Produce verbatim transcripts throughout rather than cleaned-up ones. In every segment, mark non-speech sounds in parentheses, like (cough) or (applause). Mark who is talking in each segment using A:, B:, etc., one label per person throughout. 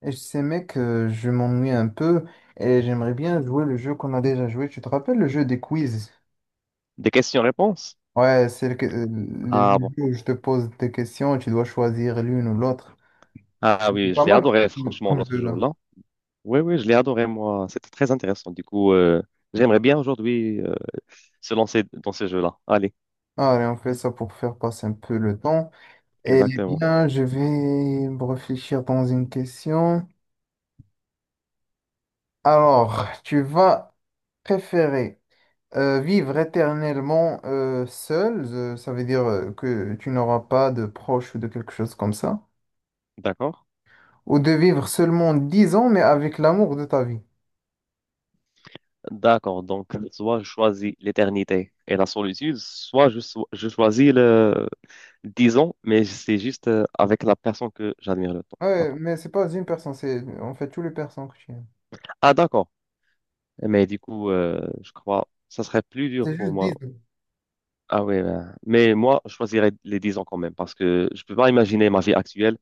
A: Et je sais, mec, euh, je m'ennuie un peu et j'aimerais bien jouer le jeu qu'on a déjà joué. Tu te rappelles le jeu des quiz?
B: Des questions-réponses?
A: Ouais, c'est le, que- euh, le
B: Ah bon.
A: jeu où je te pose des questions et tu dois choisir l'une ou l'autre.
B: Ah
A: C'est
B: oui,
A: pas
B: je l'ai
A: mal
B: adoré, franchement,
A: comme
B: l'autre
A: jeu
B: jour,
A: là.
B: là. Oui, oui, je l'ai adoré, moi. C'était très intéressant. Du coup, euh, j'aimerais bien aujourd'hui euh, se lancer dans ce jeu-là. Allez,
A: Allez, on fait ça pour faire passer un peu le temps. Eh
B: exactement.
A: bien, je vais me réfléchir dans une question. Alors, tu vas préférer euh, vivre éternellement euh, seul, euh, ça veut dire euh, que tu n'auras pas de proches ou de quelque chose comme ça.
B: D'accord?
A: Ou de vivre seulement dix ans, mais avec l'amour de ta vie.
B: D'accord. Donc, soit je choisis l'éternité et la solitude, soit je, so- je choisis le dix ans, mais c'est juste euh, avec la personne que j'admire le temps.
A: Ouais,
B: Attends.
A: mais c'est pas une personne, c'est en fait tous les personnes que tu aimes.
B: Ah, d'accord. Eh, mais du coup, euh, je crois que ça serait plus dur
A: C'est
B: pour
A: juste
B: moi.
A: dix ans.
B: Ah oui, ben, mais moi, je choisirais les dix ans quand même, parce que je peux pas imaginer ma vie actuelle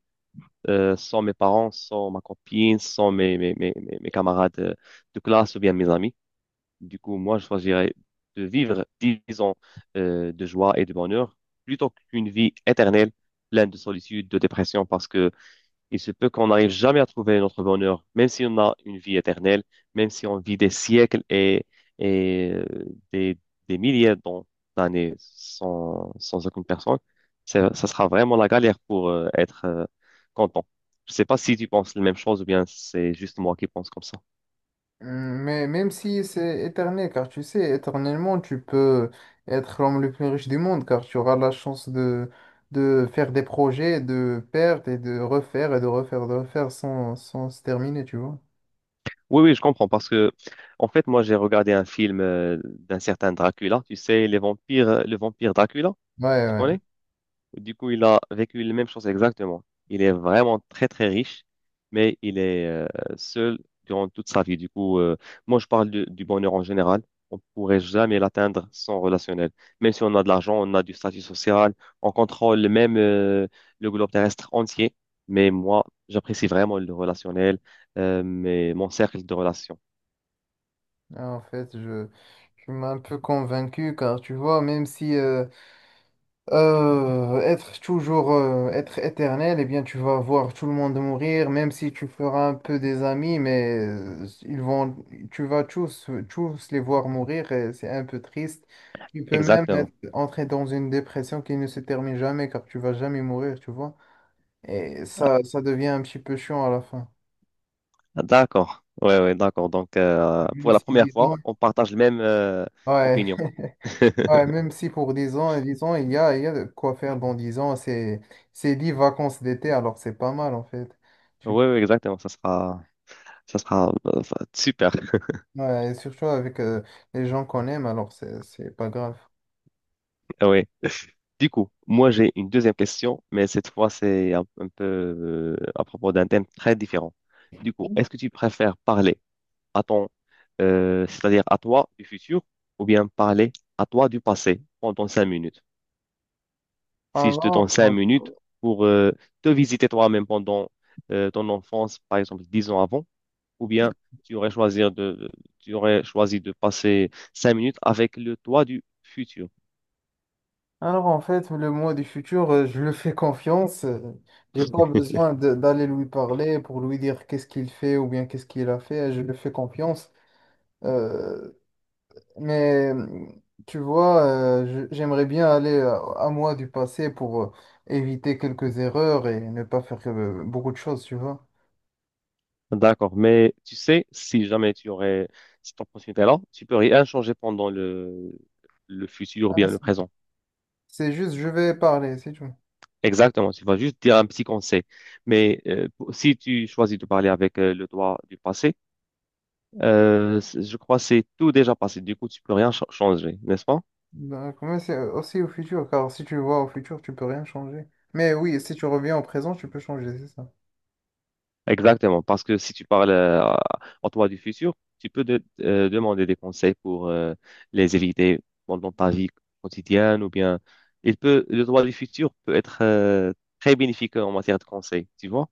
B: euh, sans mes parents, sans ma copine, sans mes, mes, mes, mes mes camarades euh, de classe ou bien mes amis. Du coup, moi, je choisirais de vivre dix ans euh, de joie et de bonheur plutôt qu'une vie éternelle pleine de solitude, de dépression, parce que il se peut qu'on n'arrive jamais à trouver notre bonheur, même si on a une vie éternelle, même si on vit des siècles et, et euh, des, des milliers d'an- d'années sans, sans aucune personne. Ça, ça sera vraiment la galère pour euh, être euh, content. Je sais pas si tu penses la même chose ou bien c'est juste moi qui pense comme ça.
A: Hum, Mais même si c'est éternel, car tu sais, éternellement, tu peux être l'homme le plus riche du monde, car tu auras la chance de, de faire des projets, de perdre et de refaire et de refaire, de refaire sans, sans se terminer, tu vois.
B: Oui, oui, je comprends parce que, en fait, moi, j'ai regardé un film euh, d'un certain Dracula. Tu sais, les vampires, euh, le vampire Dracula,
A: Ouais,
B: tu
A: ouais.
B: connais? Du coup, il a vécu les mêmes choses exactement. Il est vraiment très, très riche, mais il est euh, seul durant toute sa vie. Du coup, euh, moi, je parle de- du bonheur en général. On pourrait jamais l'atteindre sans relationnel. Même si on a de l'argent, on a du statut social, on contrôle même euh, le globe terrestre entier. Mais moi, j'apprécie vraiment le relationnel, euh, mais mon cercle de relations.
A: Ah, En fait, je, tu m'as un peu convaincu, car tu vois, même si euh, Euh, être toujours, euh, être éternel, eh bien, tu vas voir tout le monde mourir, même si tu feras un peu des amis, mais euh, ils vont, tu vas tous, tous les voir mourir et c'est un peu triste. Tu peux même être-
B: Exactement.
A: entrer dans une dépression qui ne se termine jamais car tu vas jamais mourir, tu vois. Et ça, ça devient un petit peu chiant à la fin.
B: Ah, d'accord. Ouais, ouais, d'accord. Donc, euh,
A: Même
B: pour la
A: si,
B: première fois,
A: disons,
B: on partage la même euh,
A: ouais.
B: opinion.
A: (laughs) Ouais,
B: (laughs)
A: même si pour dix ans, dix ans, il y a, il y a de quoi faire dans dix ans, c'est, c'est dix vacances d'été, alors c'est pas mal en fait. Tu-
B: Oui, oui, exactement. Ça sera, ça sera euh, ça- super.
A: ouais, et surtout avec euh, les gens qu'on aime, alors c'est, c'est pas grave.
B: Oui. Du coup, moi, j'ai une deuxième question, mais cette fois, c'est un, un peu euh, à propos d'un thème très différent. Du coup, est-ce que tu préfères parler à ton, euh, c'est-à-dire à toi du futur, ou bien parler à toi du passé pendant cinq minutes? Si je te
A: Alors,
B: donne cinq
A: euh,
B: minutes pour euh, te visiter toi-même pendant euh, ton enfance, par exemple, dix ans avant, ou bien tu aurais choisi de, de- tu aurais choisi de passer cinq minutes avec le toi du futur.
A: alors en fait, le moi du futur, euh, je lui fais confiance. euh, J'ai pas besoin de- d'aller lui parler pour lui dire qu'est-ce qu'il fait ou bien qu'est-ce qu'il a fait. Je lui fais confiance. Euh, Mais mmh, tu vois, euh, je- j'aimerais bien aller euh, à, moi du passé pour euh, éviter quelques erreurs et ne pas faire euh, beaucoup de choses, tu vois.
B: D'accord, mais tu sais, si jamais tu aurais cette opportunité-là, tu peux rien changer pendant le, le futur ou
A: Ah,
B: bien
A: c'est
B: le présent.
A: c'est juste, je vais parler, c'est tout.
B: Exactement, tu vas juste dire un petit conseil. Mais euh, pour- si tu choisis de parler avec euh, le toi du passé, euh, c'est- je crois que c'est tout déjà passé. Du coup, tu peux rien ch- changer, n'est-ce pas?
A: Donc, mais c'est euh, aussi au futur, car si tu vois au futur, tu peux rien changer. Mais oui, si tu reviens au présent, tu peux changer, c'est ça.
B: Exactement, parce que si tu parles euh, à- en toi du futur, tu peux de- euh, demander des conseils pour euh, les éviter pendant ta vie quotidienne ou bien il peut le droit du futur peut être euh, très bénéfique en matière de conseils, tu vois?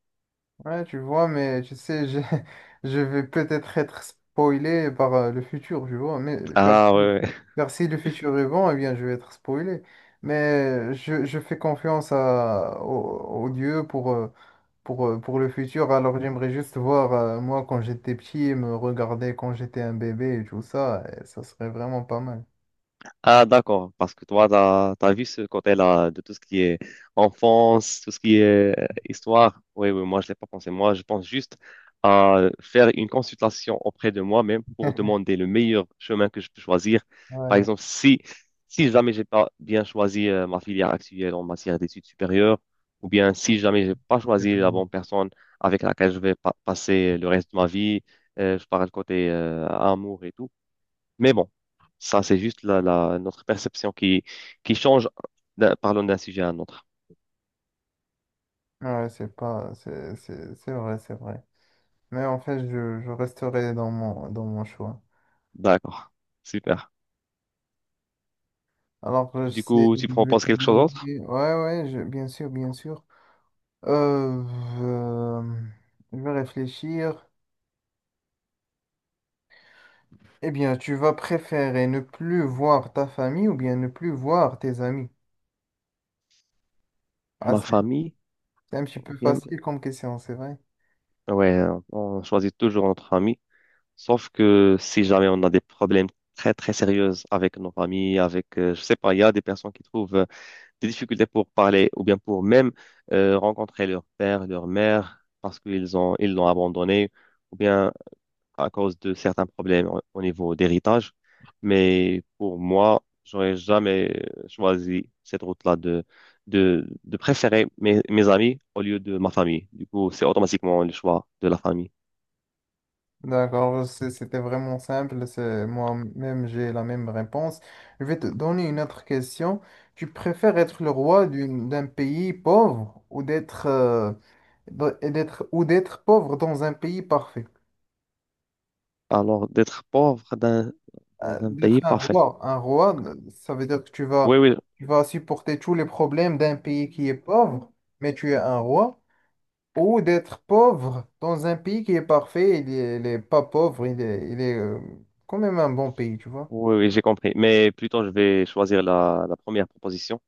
A: Ouais, tu vois, mais tu sais, je, (laughs) je vais peut-être être spoilé par euh, le futur, tu vois, mais euh, car,
B: Ah
A: si
B: ouais.
A: car si le futur est bon, eh bien, je vais être spoilé. Mais je, je fais confiance à, au, au Dieu pour, euh, pour, euh, pour le futur, alors j'aimerais juste voir, euh, moi, quand j'étais petit, me regarder quand j'étais un bébé et tout ça, et ça serait vraiment pas mal.
B: Ah, d'accord, parce que toi, t'as, t'as vu ce côté-là de tout ce qui est enfance, tout ce qui est euh, histoire. Oui, oui, moi, je l'ai pas pensé. Moi, je pense juste à faire une consultation auprès de moi-même pour
A: (laughs)
B: demander le meilleur chemin que je peux choisir. Par
A: Ouais,
B: exemple, si, si jamais j'ai pas bien choisi euh, ma filière actuelle en matière d'études supérieures, ou bien si jamais j'ai pas choisi la
A: complètement.
B: bonne personne avec laquelle je vais pa- passer le reste de ma vie, euh, je parle côté euh, amour et tout. Mais bon, ça, c'est juste la, la, notre perception qui, qui change d'un- parlant d'un sujet à un autre.
A: Ouais, c'est pas, c'est, c'est, c'est vrai, c'est vrai. Mais en fait, je, je resterai dans mon, dans mon choix.
B: D'accord. Super.
A: Alors, je
B: Du
A: sais,
B: coup, tu
A: je vais
B: proposes
A: te
B: quelque chose d'autre?
A: donner. Ouais, ouais, je- bien sûr, bien sûr. Euh, euh, je vais réfléchir. Eh bien, tu vas préférer ne plus voir ta famille ou bien ne plus voir tes amis? Ah,
B: Ma
A: c'est
B: famille?
A: c'est un petit
B: Ou
A: peu
B: bien.
A: facile comme question, c'est vrai.
B: Ouais, on choisit toujours notre famille. Sauf que si jamais on a des problèmes très, très sérieux avec nos familles, avec, euh, je sais pas, il y a des personnes qui trouvent euh, des difficultés pour parler ou bien pour même euh, rencontrer leur père, leur mère, parce qu'ils ont, ils l'ont abandonné, ou bien à cause de certains problèmes au au niveau d'héritage. Mais pour moi, j'aurais jamais choisi cette route-là de, de, de préférer mes, mes amis au lieu de ma famille. Du coup, c'est automatiquement le choix de la famille.
A: D'accord, ouais, c'est- c'était vraiment simple. c'est- Moi-même, j'ai la même réponse. Je vais te donner une autre question. Tu préfères être le roi d'une- d'un pays pauvre ou d'être euh, d- et d'être ou d'être pauvre dans un pays parfait?
B: Alors, d'être pauvre d'un-
A: Euh,
B: dans un pays
A: D'être un
B: parfait.
A: roi, un roi, euh, ça veut dire que tu
B: Oui,
A: vas,
B: oui,
A: tu vas supporter tous les problèmes d'un pays qui est pauvre, mais tu es un roi. Ou d'être pauvre dans un pays qui est parfait, il est, il est pas pauvre, il est, il est euh, quand même un bon pays, tu vois?
B: oui, oui, j'ai compris. Mais plutôt, je vais choisir la, la première proposition.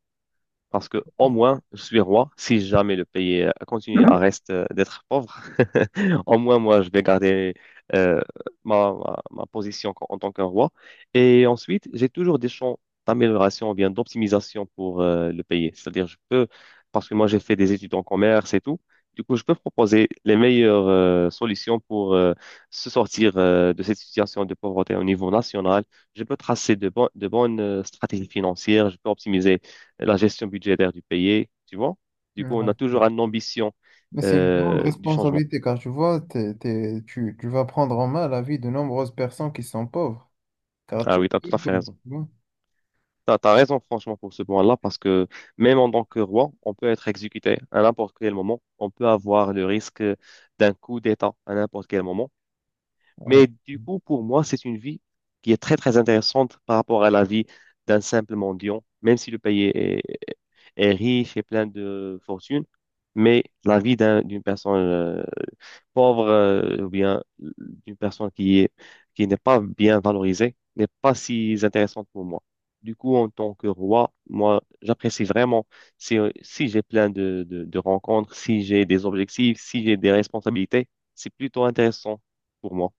B: Parce que au moins, je suis roi. Si jamais le pays euh, continue à reste euh, d'être pauvre, (laughs) au moins moi, je vais garder euh, ma, ma- ma position en, en tant qu'un roi. Et ensuite, j'ai toujours des champs d'amélioration ou bien d'optimisation pour euh, le pays. C'est-à-dire, je peux, parce que moi, j'ai fait des études en commerce et tout. Du coup, je peux proposer les meilleures euh, solutions pour euh, se sortir euh, de cette situation de pauvreté au niveau national. Je peux tracer de, bon- de bonnes euh, stratégies financières. Je peux optimiser euh, la gestion budgétaire du pays, tu vois. Du
A: Ouais.
B: coup, on a
A: OK.
B: toujours une ambition
A: Mais c'est une grande
B: euh, du changement.
A: responsabilité car tu vois, t'es- t'es- tu, tu vas prendre en main la vie de nombreuses personnes qui sont pauvres. Car
B: Ah
A: tout le
B: oui,
A: monde
B: tu as tout
A: est
B: à fait
A: pauvre,
B: raison.
A: tu vois.
B: Tu as raison, franchement, pour ce point-là, parce que même en tant que roi, on peut être exécuté à n'importe quel moment. On peut avoir le risque d'un coup d'État à n'importe quel moment.
A: Ouais,
B: Mais du coup, pour moi, c'est une vie qui est très, très intéressante par rapport à la vie d'un simple mendiant, même si le pays est, est riche et plein de fortune, mais la vie d'un- d'une personne euh, pauvre euh, ou bien d'une personne qui est, qui n'est pas bien valorisée n'est pas si intéressante pour moi. Du coup, en tant que roi, moi, j'apprécie vraiment si, si j'ai plein de, de, de rencontres, si j'ai des objectifs, si j'ai des responsabilités, c'est plutôt intéressant pour moi.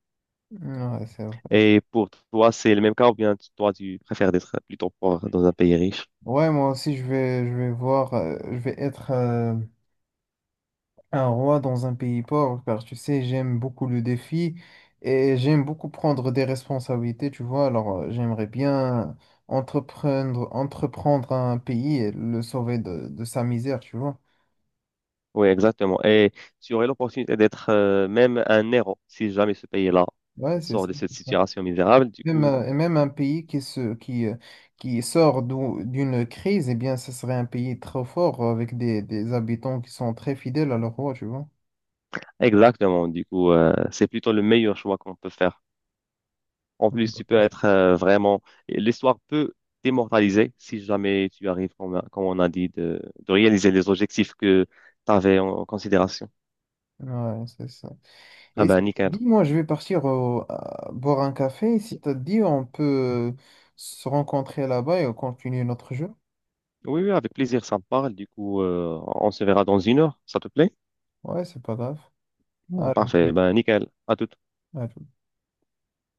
A: ouais, c'est vrai.
B: Et pour toi, c'est le même cas ou bien toi, tu préfères d'être plutôt pauvre dans un pays riche?
A: Ouais, moi aussi, je vais, je vais voir, euh, je vais être euh, un roi dans un pays pauvre car tu sais, j'aime beaucoup le défi et j'aime beaucoup prendre des responsabilités, tu vois. Alors, euh, j'aimerais bien entreprendre, entreprendre un pays et le sauver de, de sa misère, tu vois.
B: Oui, exactement. Et tu aurais l'opportunité d'être euh, même un héros si jamais ce pays-là
A: Ouais, c'est
B: sort
A: ça.
B: de cette situation misérable. Du
A: Même,
B: coup,
A: euh, et même un pays qui, se, qui, euh, qui sort d'où- d'une crise, eh bien, ce serait un pays très fort euh, avec des, des habitants qui sont très fidèles à leur roi, tu vois.
B: exactement. Du coup, euh, c'est plutôt le meilleur choix qu'on peut faire. En plus, tu peux être euh, vraiment... L'histoire peut t'immortaliser si jamais tu arrives, comme, on a comme on a dit, de, de réaliser les objectifs que tu avais en, en considération.
A: Ouais, c'est ça.
B: Ah
A: Et si-
B: ben, nickel.
A: Dis-moi, je vais partir au- à- boire un café. Si t'as dit, on peut se rencontrer là-bas et continuer notre jeu.
B: Oui, oui, avec plaisir, ça me parle. Du coup, euh, on se verra dans une heure, ça te plaît?
A: Ouais, c'est pas grave. À-
B: Parfait, ben nickel. À tout
A: à-